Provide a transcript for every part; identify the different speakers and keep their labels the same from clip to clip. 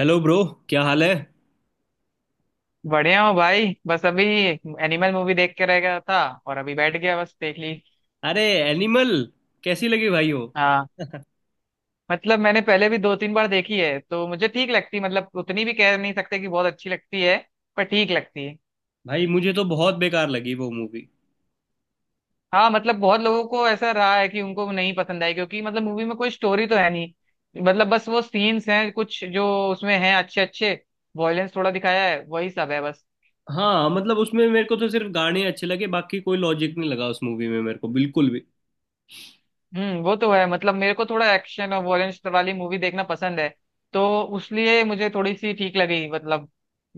Speaker 1: Hello bro. क्या हाल है?
Speaker 2: बढ़िया हो भाई, बस अभी एनिमल मूवी देख के रह गया था और अभी बैठ गया, बस देख ली।
Speaker 1: अरे एनिमल कैसी लगी भाई हो?
Speaker 2: हाँ, मतलब मैंने पहले भी दो तीन बार देखी है तो मुझे ठीक लगती, मतलब उतनी भी कह नहीं सकते कि बहुत अच्छी लगती है, पर ठीक लगती है।
Speaker 1: भाई मुझे तो बहुत बेकार लगी वो मूवी।
Speaker 2: हाँ, मतलब बहुत लोगों को ऐसा रहा है कि उनको नहीं पसंद आई, क्योंकि मतलब मूवी में कोई स्टोरी तो है नहीं। मतलब बस वो सीन्स हैं कुछ जो उसमें हैं अच्छे अच्छे, वॉयलेंस थोड़ा दिखाया है, वही सब है बस।
Speaker 1: हाँ मतलब उसमें मेरे को तो सिर्फ गाने अच्छे लगे, बाकी कोई लॉजिक नहीं लगा उस मूवी में मेरे को बिल्कुल भी।
Speaker 2: हम्म, वो तो है। मतलब मेरे को थोड़ा एक्शन और वॉयलेंस वाली मूवी देखना पसंद है तो उसलिए मुझे थोड़ी सी ठीक लगी, मतलब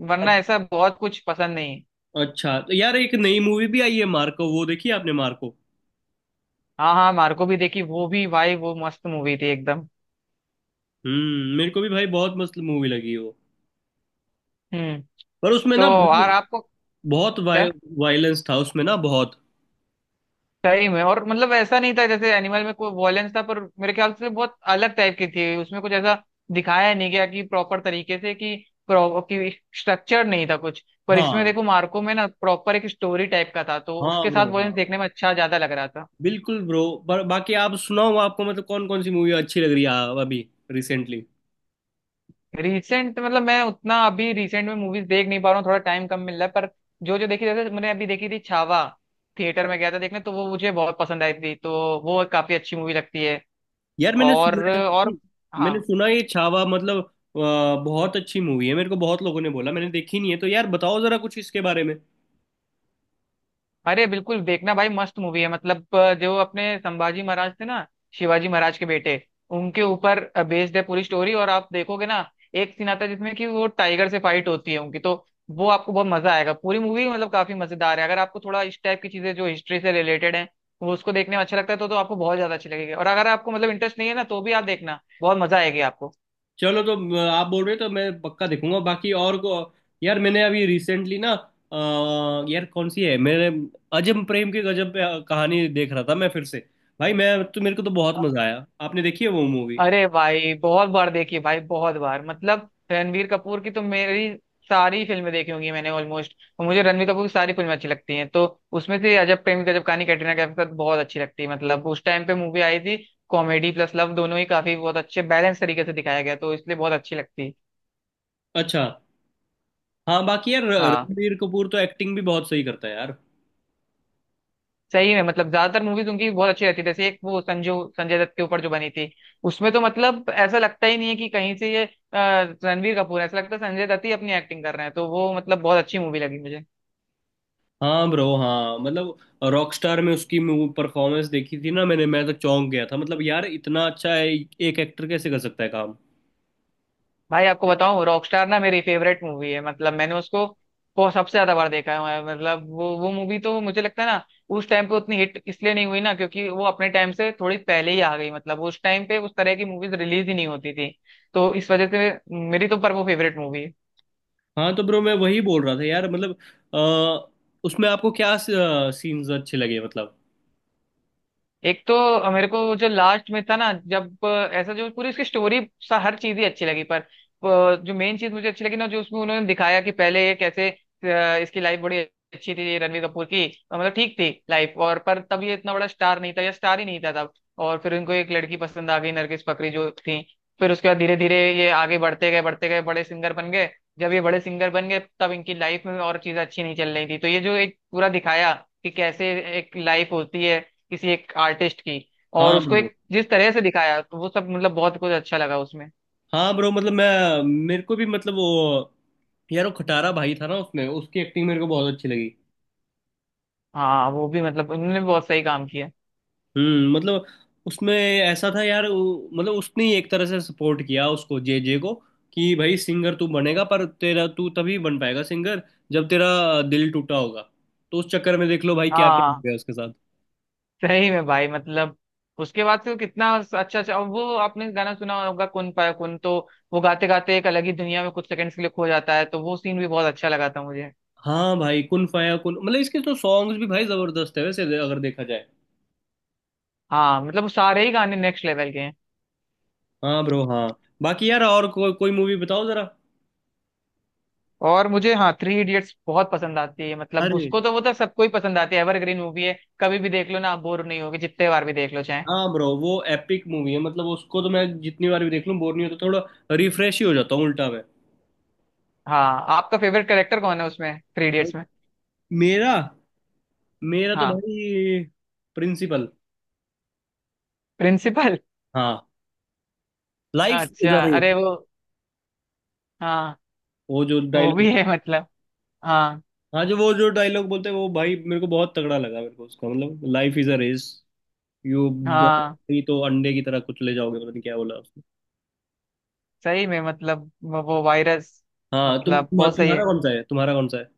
Speaker 2: वरना ऐसा बहुत कुछ पसंद नहीं।
Speaker 1: अच्छा तो यार एक नई मूवी भी आई है मार्को, वो देखी आपने मार्को?
Speaker 2: हाँ हाँ, मार्को भी देखी, वो भी भाई, वो मस्त मूवी थी एकदम।
Speaker 1: मेरे को भी भाई बहुत मस्त मूवी लगी वो।
Speaker 2: हम्म।
Speaker 1: पर उसमें
Speaker 2: तो
Speaker 1: ना बहुत,
Speaker 2: और आपको?
Speaker 1: बहुत
Speaker 2: क्या?
Speaker 1: वायलेंस था उसमें ना बहुत।
Speaker 2: सही में, और मतलब ऐसा नहीं था जैसे एनिमल में कोई वॉयलेंस था, पर मेरे ख्याल से बहुत अलग टाइप की थी। उसमें कुछ ऐसा दिखाया नहीं गया कि प्रॉपर तरीके से, कि pro- कि स्ट्रक्चर नहीं था कुछ। पर इसमें
Speaker 1: हाँ,
Speaker 2: देखो, मार्को में ना प्रॉपर एक स्टोरी टाइप का था तो
Speaker 1: हाँ
Speaker 2: उसके
Speaker 1: ब्रो
Speaker 2: साथ वॉयलेंस
Speaker 1: हाँ।
Speaker 2: देखने में अच्छा ज्यादा लग रहा था।
Speaker 1: बिल्कुल ब्रो। पर बाकी आप सुनाओ, आपको मतलब कौन कौन सी मूवी अच्छी लग रही है अभी, रिसेंटली?
Speaker 2: रिसेंट मतलब मैं उतना अभी रिसेंट में मूवीज देख नहीं पा रहा हूँ, थोड़ा टाइम कम मिल रहा है, पर जो जो देखी, जैसे मैंने अभी देखी थी छावा, थिएटर में गया था देखने, तो वो मुझे बहुत पसंद आई थी, तो वो काफी अच्छी मूवी लगती है।
Speaker 1: यार मैंने सुना
Speaker 2: और
Speaker 1: है,
Speaker 2: और हाँ,
Speaker 1: मैंने सुना ये छावा मतलब बहुत अच्छी मूवी है, मेरे को बहुत लोगों ने बोला, मैंने देखी नहीं है, तो यार बताओ जरा कुछ इसके बारे में।
Speaker 2: अरे बिल्कुल देखना भाई, मस्त मूवी है। मतलब जो अपने संभाजी महाराज थे ना, शिवाजी महाराज के बेटे, उनके ऊपर बेस्ड है पूरी स्टोरी। और आप देखोगे ना, एक सीन आता है जिसमें कि वो टाइगर से फाइट होती है उनकी, तो वो आपको बहुत मजा आएगा। पूरी मूवी मतलब काफी मजेदार है। अगर आपको थोड़ा इस टाइप की चीजें जो हिस्ट्री से रिलेटेड है वो उसको देखने में अच्छा लगता है, तो आपको बहुत ज्यादा अच्छी लगेगी। और अगर आपको मतलब इंटरेस्ट नहीं है ना, तो भी आप देखना, बहुत मजा आएगी आपको।
Speaker 1: चलो तो आप बोल रहे हो तो मैं पक्का देखूंगा। बाकी और को, यार मैंने अभी रिसेंटली ना यार कौन सी है मेरे, अजम प्रेम की गजब पे कहानी देख रहा था मैं फिर से। भाई मैं तो, मेरे को तो बहुत मजा आया। आपने देखी है वो मूवी?
Speaker 2: अरे भाई बहुत बार देखी भाई बहुत बार। मतलब रणवीर कपूर की तो मेरी सारी फिल्में देखी होंगी मैंने ऑलमोस्ट। मुझे रणवीर कपूर की सारी फिल्में अच्छी लगती हैं, तो उसमें से अजब प्रेम गजब कहानी कैटरीना कैफ के साथ बहुत अच्छी लगती है। मतलब उस टाइम पे मूवी आई थी, कॉमेडी प्लस लव दोनों ही काफी बहुत अच्छे बैलेंस तरीके से दिखाया गया, तो इसलिए बहुत अच्छी लगती है।
Speaker 1: अच्छा। हाँ बाकी यार
Speaker 2: हाँ,
Speaker 1: रणबीर कपूर तो एक्टिंग भी बहुत सही करता है यार।
Speaker 2: सही है। मतलब ज्यादातर मूवीज उनकी बहुत अच्छी रहती है, जैसे एक वो संजू, संजय दत्त के ऊपर जो बनी थी, उसमें तो मतलब ऐसा लगता ही नहीं है कि कहीं से ये रणवीर कपूर है। ऐसा लगता है संजय दत्त ही अपनी एक्टिंग कर रहे हैं, तो वो मतलब बहुत अच्छी मूवी लगी मुझे।
Speaker 1: हाँ ब्रो, हाँ मतलब रॉकस्टार में उसकी परफॉर्मेंस देखी थी ना मैंने, मैं तो चौंक गया था, मतलब यार इतना अच्छा है, एक एक्टर कैसे कर सकता है काम।
Speaker 2: भाई आपको बताऊं, रॉकस्टार ना मेरी फेवरेट मूवी है। मतलब मैंने उसको बहुत सबसे ज्यादा बार देखा है। मतलब वो मूवी तो मुझे लगता है ना, उस टाइम पे उतनी हिट इसलिए नहीं हुई ना क्योंकि वो अपने टाइम से थोड़ी पहले ही आ गई। मतलब उस टाइम पे उस तरह की मूवीज रिलीज ही नहीं होती थी तो इस वजह से, मेरी तो पर वो फेवरेट मूवी है।
Speaker 1: हाँ तो ब्रो मैं वही बोल रहा था यार मतलब, अ, उसमें आपको क्या सीन्स अच्छे लगे मतलब?
Speaker 2: एक तो मेरे को जो लास्ट में था ना, जब ऐसा, जो पूरी उसकी स्टोरी सा हर चीज ही अच्छी लगी, पर जो मेन चीज मुझे अच्छी लगी ना जो उसमें उन्होंने दिखाया कि पहले ये कैसे इसकी लाइफ बड़ी अच्छी थी ये रणवीर कपूर की, मतलब ठीक थी लाइफ, और पर तब ये इतना बड़ा स्टार नहीं था या स्टार ही नहीं था तब। और फिर उनको एक लड़की पसंद आ गई, नरगिस फाकरी जो थी। फिर उसके बाद धीरे धीरे ये आगे बढ़ते गए बढ़ते गए, बड़े सिंगर बन गए। जब ये बड़े सिंगर बन गए तब इनकी लाइफ में और चीजें अच्छी नहीं चल रही थी, तो ये जो एक पूरा दिखाया कि कैसे एक लाइफ होती है किसी एक आर्टिस्ट की, और
Speaker 1: हाँ
Speaker 2: उसको
Speaker 1: ब्रो,
Speaker 2: एक जिस तरह से दिखाया तो वो सब मतलब बहुत कुछ अच्छा लगा उसमें।
Speaker 1: हाँ ब्रो मतलब मैं, मेरे को भी मतलब वो, यार वो खटारा भाई था ना उसमें, उसकी एक्टिंग मेरे को बहुत अच्छी लगी।
Speaker 2: हाँ वो भी मतलब उन्होंने भी बहुत सही काम किया।
Speaker 1: मतलब उसमें ऐसा था यार, मतलब उसने ही एक तरह से सपोर्ट किया उसको, जे जे को, कि भाई सिंगर तू बनेगा, पर तेरा तू तभी बन पाएगा सिंगर जब तेरा दिल टूटा होगा। तो उस चक्कर में देख लो भाई क्या क्या हो
Speaker 2: हाँ
Speaker 1: गया उसके साथ।
Speaker 2: सही में भाई, मतलब उसके बाद से वो कितना अच्छा अच्छा, और वो आपने गाना सुना होगा कुन पाया कुन, तो वो गाते गाते एक अलग ही दुनिया में कुछ सेकंड्स के लिए खो जाता है, तो वो सीन भी बहुत अच्छा लगा था मुझे।
Speaker 1: हाँ भाई कुन फाया कुन मतलब इसके तो सॉन्ग्स भी भाई जबरदस्त है वैसे अगर देखा जाए।
Speaker 2: हाँ मतलब वो सारे ही गाने नेक्स्ट लेवल के हैं।
Speaker 1: हाँ ब्रो, हाँ बाकी यार और कोई मूवी बताओ जरा।
Speaker 2: और मुझे, हाँ, थ्री इडियट्स बहुत पसंद आती है। मतलब
Speaker 1: अरे
Speaker 2: उसको तो, वो तो सबको ही पसंद आती है, एवरग्रीन मूवी है, कभी भी देख लो ना, आप बोर नहीं होगे जितने बार भी देख लो चाहे।
Speaker 1: हाँ ब्रो वो एपिक मूवी है मतलब उसको तो मैं जितनी बार भी देख लूँ बोर नहीं होता, थोड़ा रिफ्रेश ही हो जाता हूँ उल्टा मैं।
Speaker 2: हाँ, आपका फेवरेट कैरेक्टर कौन है उसमें, थ्री इडियट्स में?
Speaker 1: मेरा मेरा तो
Speaker 2: हाँ,
Speaker 1: भाई प्रिंसिपल।
Speaker 2: प्रिंसिपल।
Speaker 1: हाँ, लाइफ इज
Speaker 2: अच्छा,
Speaker 1: अ रेस,
Speaker 2: अरे वो, हाँ,
Speaker 1: वो जो
Speaker 2: वो भी
Speaker 1: डायलॉग,
Speaker 2: है मतलब, हाँ।
Speaker 1: हाँ जो वो जो डायलॉग बोलते हैं वो भाई मेरे को बहुत तगड़ा लगा, मेरे को उसका मतलब life is a race, you
Speaker 2: हाँ,
Speaker 1: दौड़ोगी तो अंडे की तरह कुचले जाओगे, पता नहीं क्या बोला उसने।
Speaker 2: सही में मतलब वो वायरस,
Speaker 1: हाँ
Speaker 2: मतलब बहुत सही
Speaker 1: तुम्हारा
Speaker 2: है।
Speaker 1: कौन सा है, तुम्हारा कौन सा है?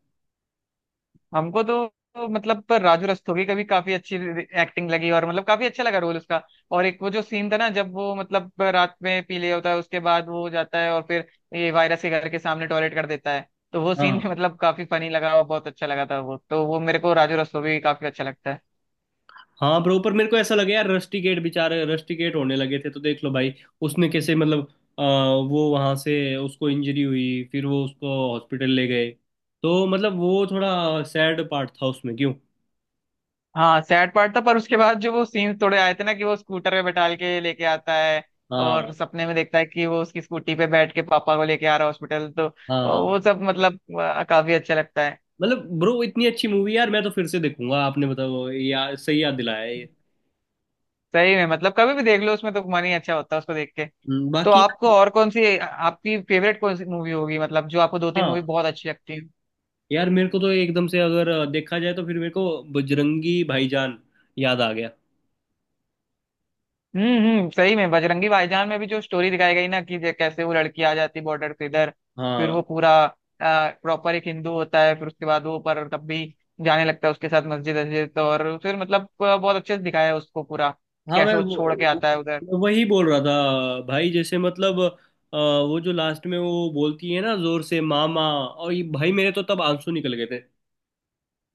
Speaker 2: हमको तो मतलब, पर राजू रस्तोगी का भी काफी अच्छी एक्टिंग लगी, और मतलब काफी अच्छा लगा रोल उसका। और एक वो जो सीन था ना जब वो मतलब रात में पी लिया होता है उसके बाद वो जाता है और फिर ये वायरस के घर के सामने टॉयलेट कर देता है, तो वो सीन
Speaker 1: हाँ,
Speaker 2: भी मतलब काफी फनी लगा और बहुत अच्छा लगा था। वो तो, वो मेरे को राजू रस्तोगी काफी अच्छा लगता है।
Speaker 1: हाँ ब्रो। पर मेरे को ऐसा लगे यार, रस्टिकेट बेचारे रस्टिकेट होने लगे थे, तो देख लो भाई उसने कैसे मतलब, अ, वो वहां से उसको इंजरी हुई फिर वो उसको हॉस्पिटल ले गए, तो मतलब वो थोड़ा सैड पार्ट था उसमें क्यों।
Speaker 2: हाँ, सैड पार्ट था, पर उसके बाद जो वो सीन्स थोड़े आए थे ना, कि वो स्कूटर पे बैठाल के लेके आता है, और
Speaker 1: हाँ,
Speaker 2: सपने में देखता है कि वो उसकी स्कूटी पे बैठ के पापा को लेके आ रहा है हॉस्पिटल, तो
Speaker 1: हाँ।
Speaker 2: वो सब मतलब काफी अच्छा लगता है।
Speaker 1: मतलब ब्रो इतनी अच्छी मूवी यार, मैं तो फिर से देखूंगा। आपने बताओ यार, सही याद दिलाया ये।
Speaker 2: सही में मतलब कभी भी देख लो, उसमें तो मन ही अच्छा होता है उसको देख के। तो
Speaker 1: बाकी
Speaker 2: आपको और कौन सी, आपकी फेवरेट कौन सी मूवी होगी, मतलब जो आपको दो तीन मूवी
Speaker 1: हाँ
Speaker 2: बहुत अच्छी लगती है?
Speaker 1: यार मेरे को तो एकदम से अगर देखा जाए, तो फिर मेरे को बजरंगी भाईजान याद आ गया।
Speaker 2: हम्म, सही में बजरंगी भाईजान में भी जो स्टोरी दिखाई गई ना कि कैसे वो लड़की आ जाती बॉर्डर से इधर, फिर
Speaker 1: हाँ,
Speaker 2: वो पूरा प्रॉपर एक हिंदू होता है, फिर उसके बाद वो, पर तब भी जाने लगता है उसके साथ मस्जिद वस्जिद, और फिर मतलब बहुत अच्छे से दिखाया है उसको पूरा
Speaker 1: हाँ मैं
Speaker 2: कैसे वो छोड़ के आता है उधर।
Speaker 1: वही बोल रहा था भाई, जैसे मतलब वो जो लास्ट में वो बोलती है ना जोर से मामा, और ये भाई मेरे तो तब आंसू निकल गए थे।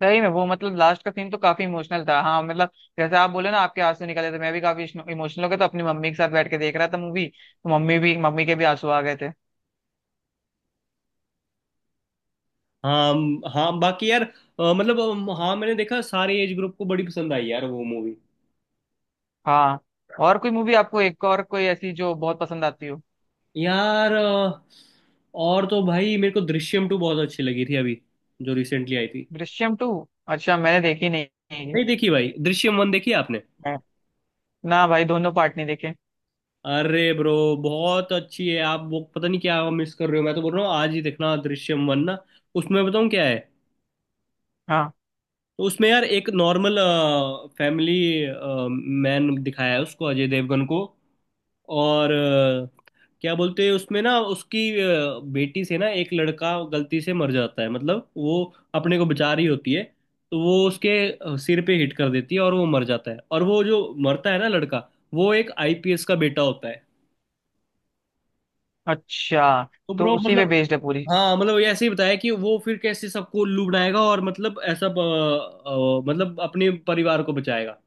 Speaker 2: सही में वो मतलब लास्ट का सीन तो काफी इमोशनल था। हाँ मतलब जैसे आप बोले ना आपके आंसू निकले थे, मैं भी काफी इमोशनल हो गया, तो अपनी मम्मी के साथ बैठ के देख रहा था मूवी, तो मम्मी के भी आंसू आ गए थे।
Speaker 1: हाँ, हाँ बाकी यार मतलब हाँ मैंने देखा सारे एज ग्रुप को बड़ी पसंद आई यार वो मूवी।
Speaker 2: हाँ, और कोई मूवी आपको, एक और कोई ऐसी जो बहुत पसंद आती हो?
Speaker 1: यार और तो भाई मेरे को दृश्यम टू बहुत अच्छी लगी थी अभी, जो रिसेंटली आई थी।
Speaker 2: दृश्यम टू, अच्छा मैंने देखी नहीं है ये।
Speaker 1: नहीं देखी भाई दृश्यम वन, देखी आपने?
Speaker 2: हाँ, ना भाई दोनों पार्ट नहीं देखे।
Speaker 1: अरे ब्रो बहुत अच्छी है, आप वो पता नहीं क्या मिस कर रहे हो, मैं तो बोल रहा हूँ आज ही देखना दृश्यम वन ना। उसमें बताऊँ क्या है?
Speaker 2: हाँ।
Speaker 1: तो उसमें यार एक नॉर्मल फैमिली मैन दिखाया है उसको, अजय देवगन को, और क्या बोलते हैं उसमें ना, उसकी बेटी से ना एक लड़का गलती से मर जाता है, मतलब वो अपने को बचा रही होती है, तो वो उसके सिर पे हिट कर देती है और वो मर जाता है। और वो जो मरता है ना लड़का, वो एक आईपीएस का बेटा होता है।
Speaker 2: अच्छा,
Speaker 1: तो
Speaker 2: तो
Speaker 1: ब्रो
Speaker 2: उसी पे
Speaker 1: मतलब,
Speaker 2: बेस्ड है पूरी।
Speaker 1: हाँ मतलब ये ऐसे ही बताया कि वो फिर कैसे सबको उल्लू बनाएगा और मतलब ऐसा मतलब अपने परिवार को बचाएगा।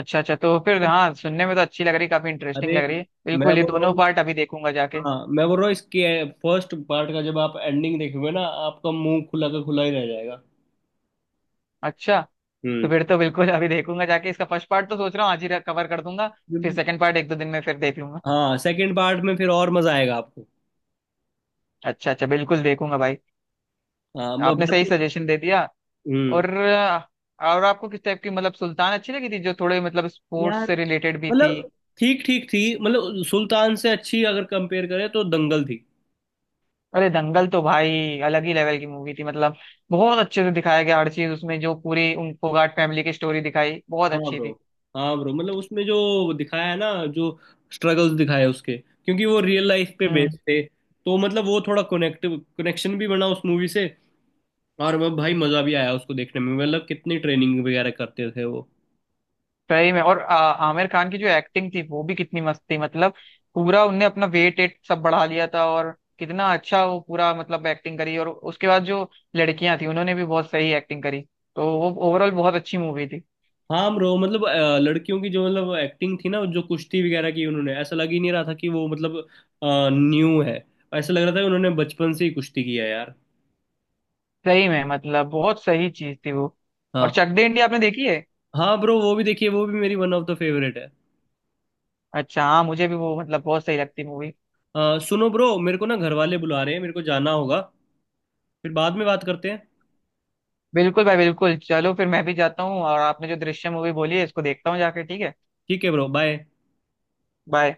Speaker 2: अच्छा अच्छा, तो फिर हाँ, सुनने में तो अच्छी लग रही, काफी इंटरेस्टिंग
Speaker 1: अरे
Speaker 2: लग रही है,
Speaker 1: मैं
Speaker 2: बिल्कुल ये
Speaker 1: बोल रहा
Speaker 2: दोनों
Speaker 1: हूँ,
Speaker 2: पार्ट अभी देखूंगा जाके।
Speaker 1: हाँ मैं बोल रहा हूँ इसके फर्स्ट पार्ट का जब आप एंडिंग देखोगे ना, आपका मुंह खुला का खुला ही रह जाएगा।
Speaker 2: अच्छा, तो
Speaker 1: हम्म।
Speaker 2: फिर तो बिल्कुल अभी देखूंगा जाके इसका फर्स्ट पार्ट, तो सोच रहा हूँ आज ही कवर कर दूंगा, फिर
Speaker 1: हम्म,
Speaker 2: सेकंड पार्ट एक दो दिन में फिर देख लूंगा।
Speaker 1: हाँ सेकंड पार्ट में फिर और मजा आएगा आपको।
Speaker 2: अच्छा अच्छा, बिल्कुल देखूंगा भाई,
Speaker 1: हाँ
Speaker 2: आपने सही
Speaker 1: बाकी।
Speaker 2: सजेशन दे दिया।
Speaker 1: हम्म।
Speaker 2: और आपको किस टाइप की, मतलब सुल्तान अच्छी लगी थी जो थोड़े मतलब स्पोर्ट्स
Speaker 1: यार
Speaker 2: से रिलेटेड भी थी?
Speaker 1: मतलब ठीक ठीक थी, मतलब सुल्तान से अच्छी अगर कंपेयर करें तो दंगल थी।
Speaker 2: अरे दंगल तो भाई अलग ही लेवल की मूवी थी, मतलब बहुत अच्छे से दिखाया गया हर चीज उसमें, जो पूरी उन फोगाट फैमिली की स्टोरी दिखाई बहुत
Speaker 1: हाँ
Speaker 2: अच्छी
Speaker 1: ब्रो,
Speaker 2: थी।
Speaker 1: हाँ ब्रो मतलब उसमें जो दिखाया है ना, जो स्ट्रगल्स दिखाए उसके, क्योंकि वो रियल लाइफ पे
Speaker 2: हम्म,
Speaker 1: बेस्ड थे, तो मतलब वो थोड़ा कनेक्टिव कनेक्शन भी बना उस मूवी से। और वो भाई मजा भी आया उसको देखने में, मतलब कितनी ट्रेनिंग वगैरह करते थे वो।
Speaker 2: सही में, और आमिर खान की जो एक्टिंग थी वो भी कितनी मस्त थी, मतलब पूरा उनने अपना वेट एट सब बढ़ा लिया था, और कितना अच्छा वो पूरा मतलब एक्टिंग करी, और उसके बाद जो लड़कियां थी उन्होंने भी बहुत सही एक्टिंग करी, तो वो ओवरऑल बहुत अच्छी मूवी थी।
Speaker 1: हाँ ब्रो मतलब लड़कियों की जो मतलब एक्टिंग थी ना, जो कुश्ती वगैरह की, उन्होंने ऐसा लग ही नहीं रहा था कि वो मतलब न्यू है, ऐसा लग रहा था कि उन्होंने बचपन से ही कुश्ती किया है यार।
Speaker 2: सही में, मतलब बहुत सही चीज थी वो। और
Speaker 1: हाँ।
Speaker 2: चक दे इंडिया आपने देखी है?
Speaker 1: हाँ ब्रो वो भी देखिए, वो भी मेरी वन ऑफ द फेवरेट है।
Speaker 2: अच्छा, हाँ मुझे भी वो मतलब बहुत सही लगती मूवी।
Speaker 1: सुनो ब्रो मेरे को ना घर वाले बुला रहे हैं, मेरे को जाना होगा, फिर बाद में बात करते हैं।
Speaker 2: बिल्कुल भाई बिल्कुल, चलो फिर मैं भी जाता हूँ, और आपने जो दृश्य मूवी बोली है इसको देखता हूँ जाके, ठीक है।
Speaker 1: ठीक है ब्रो, बाय।
Speaker 2: बाय।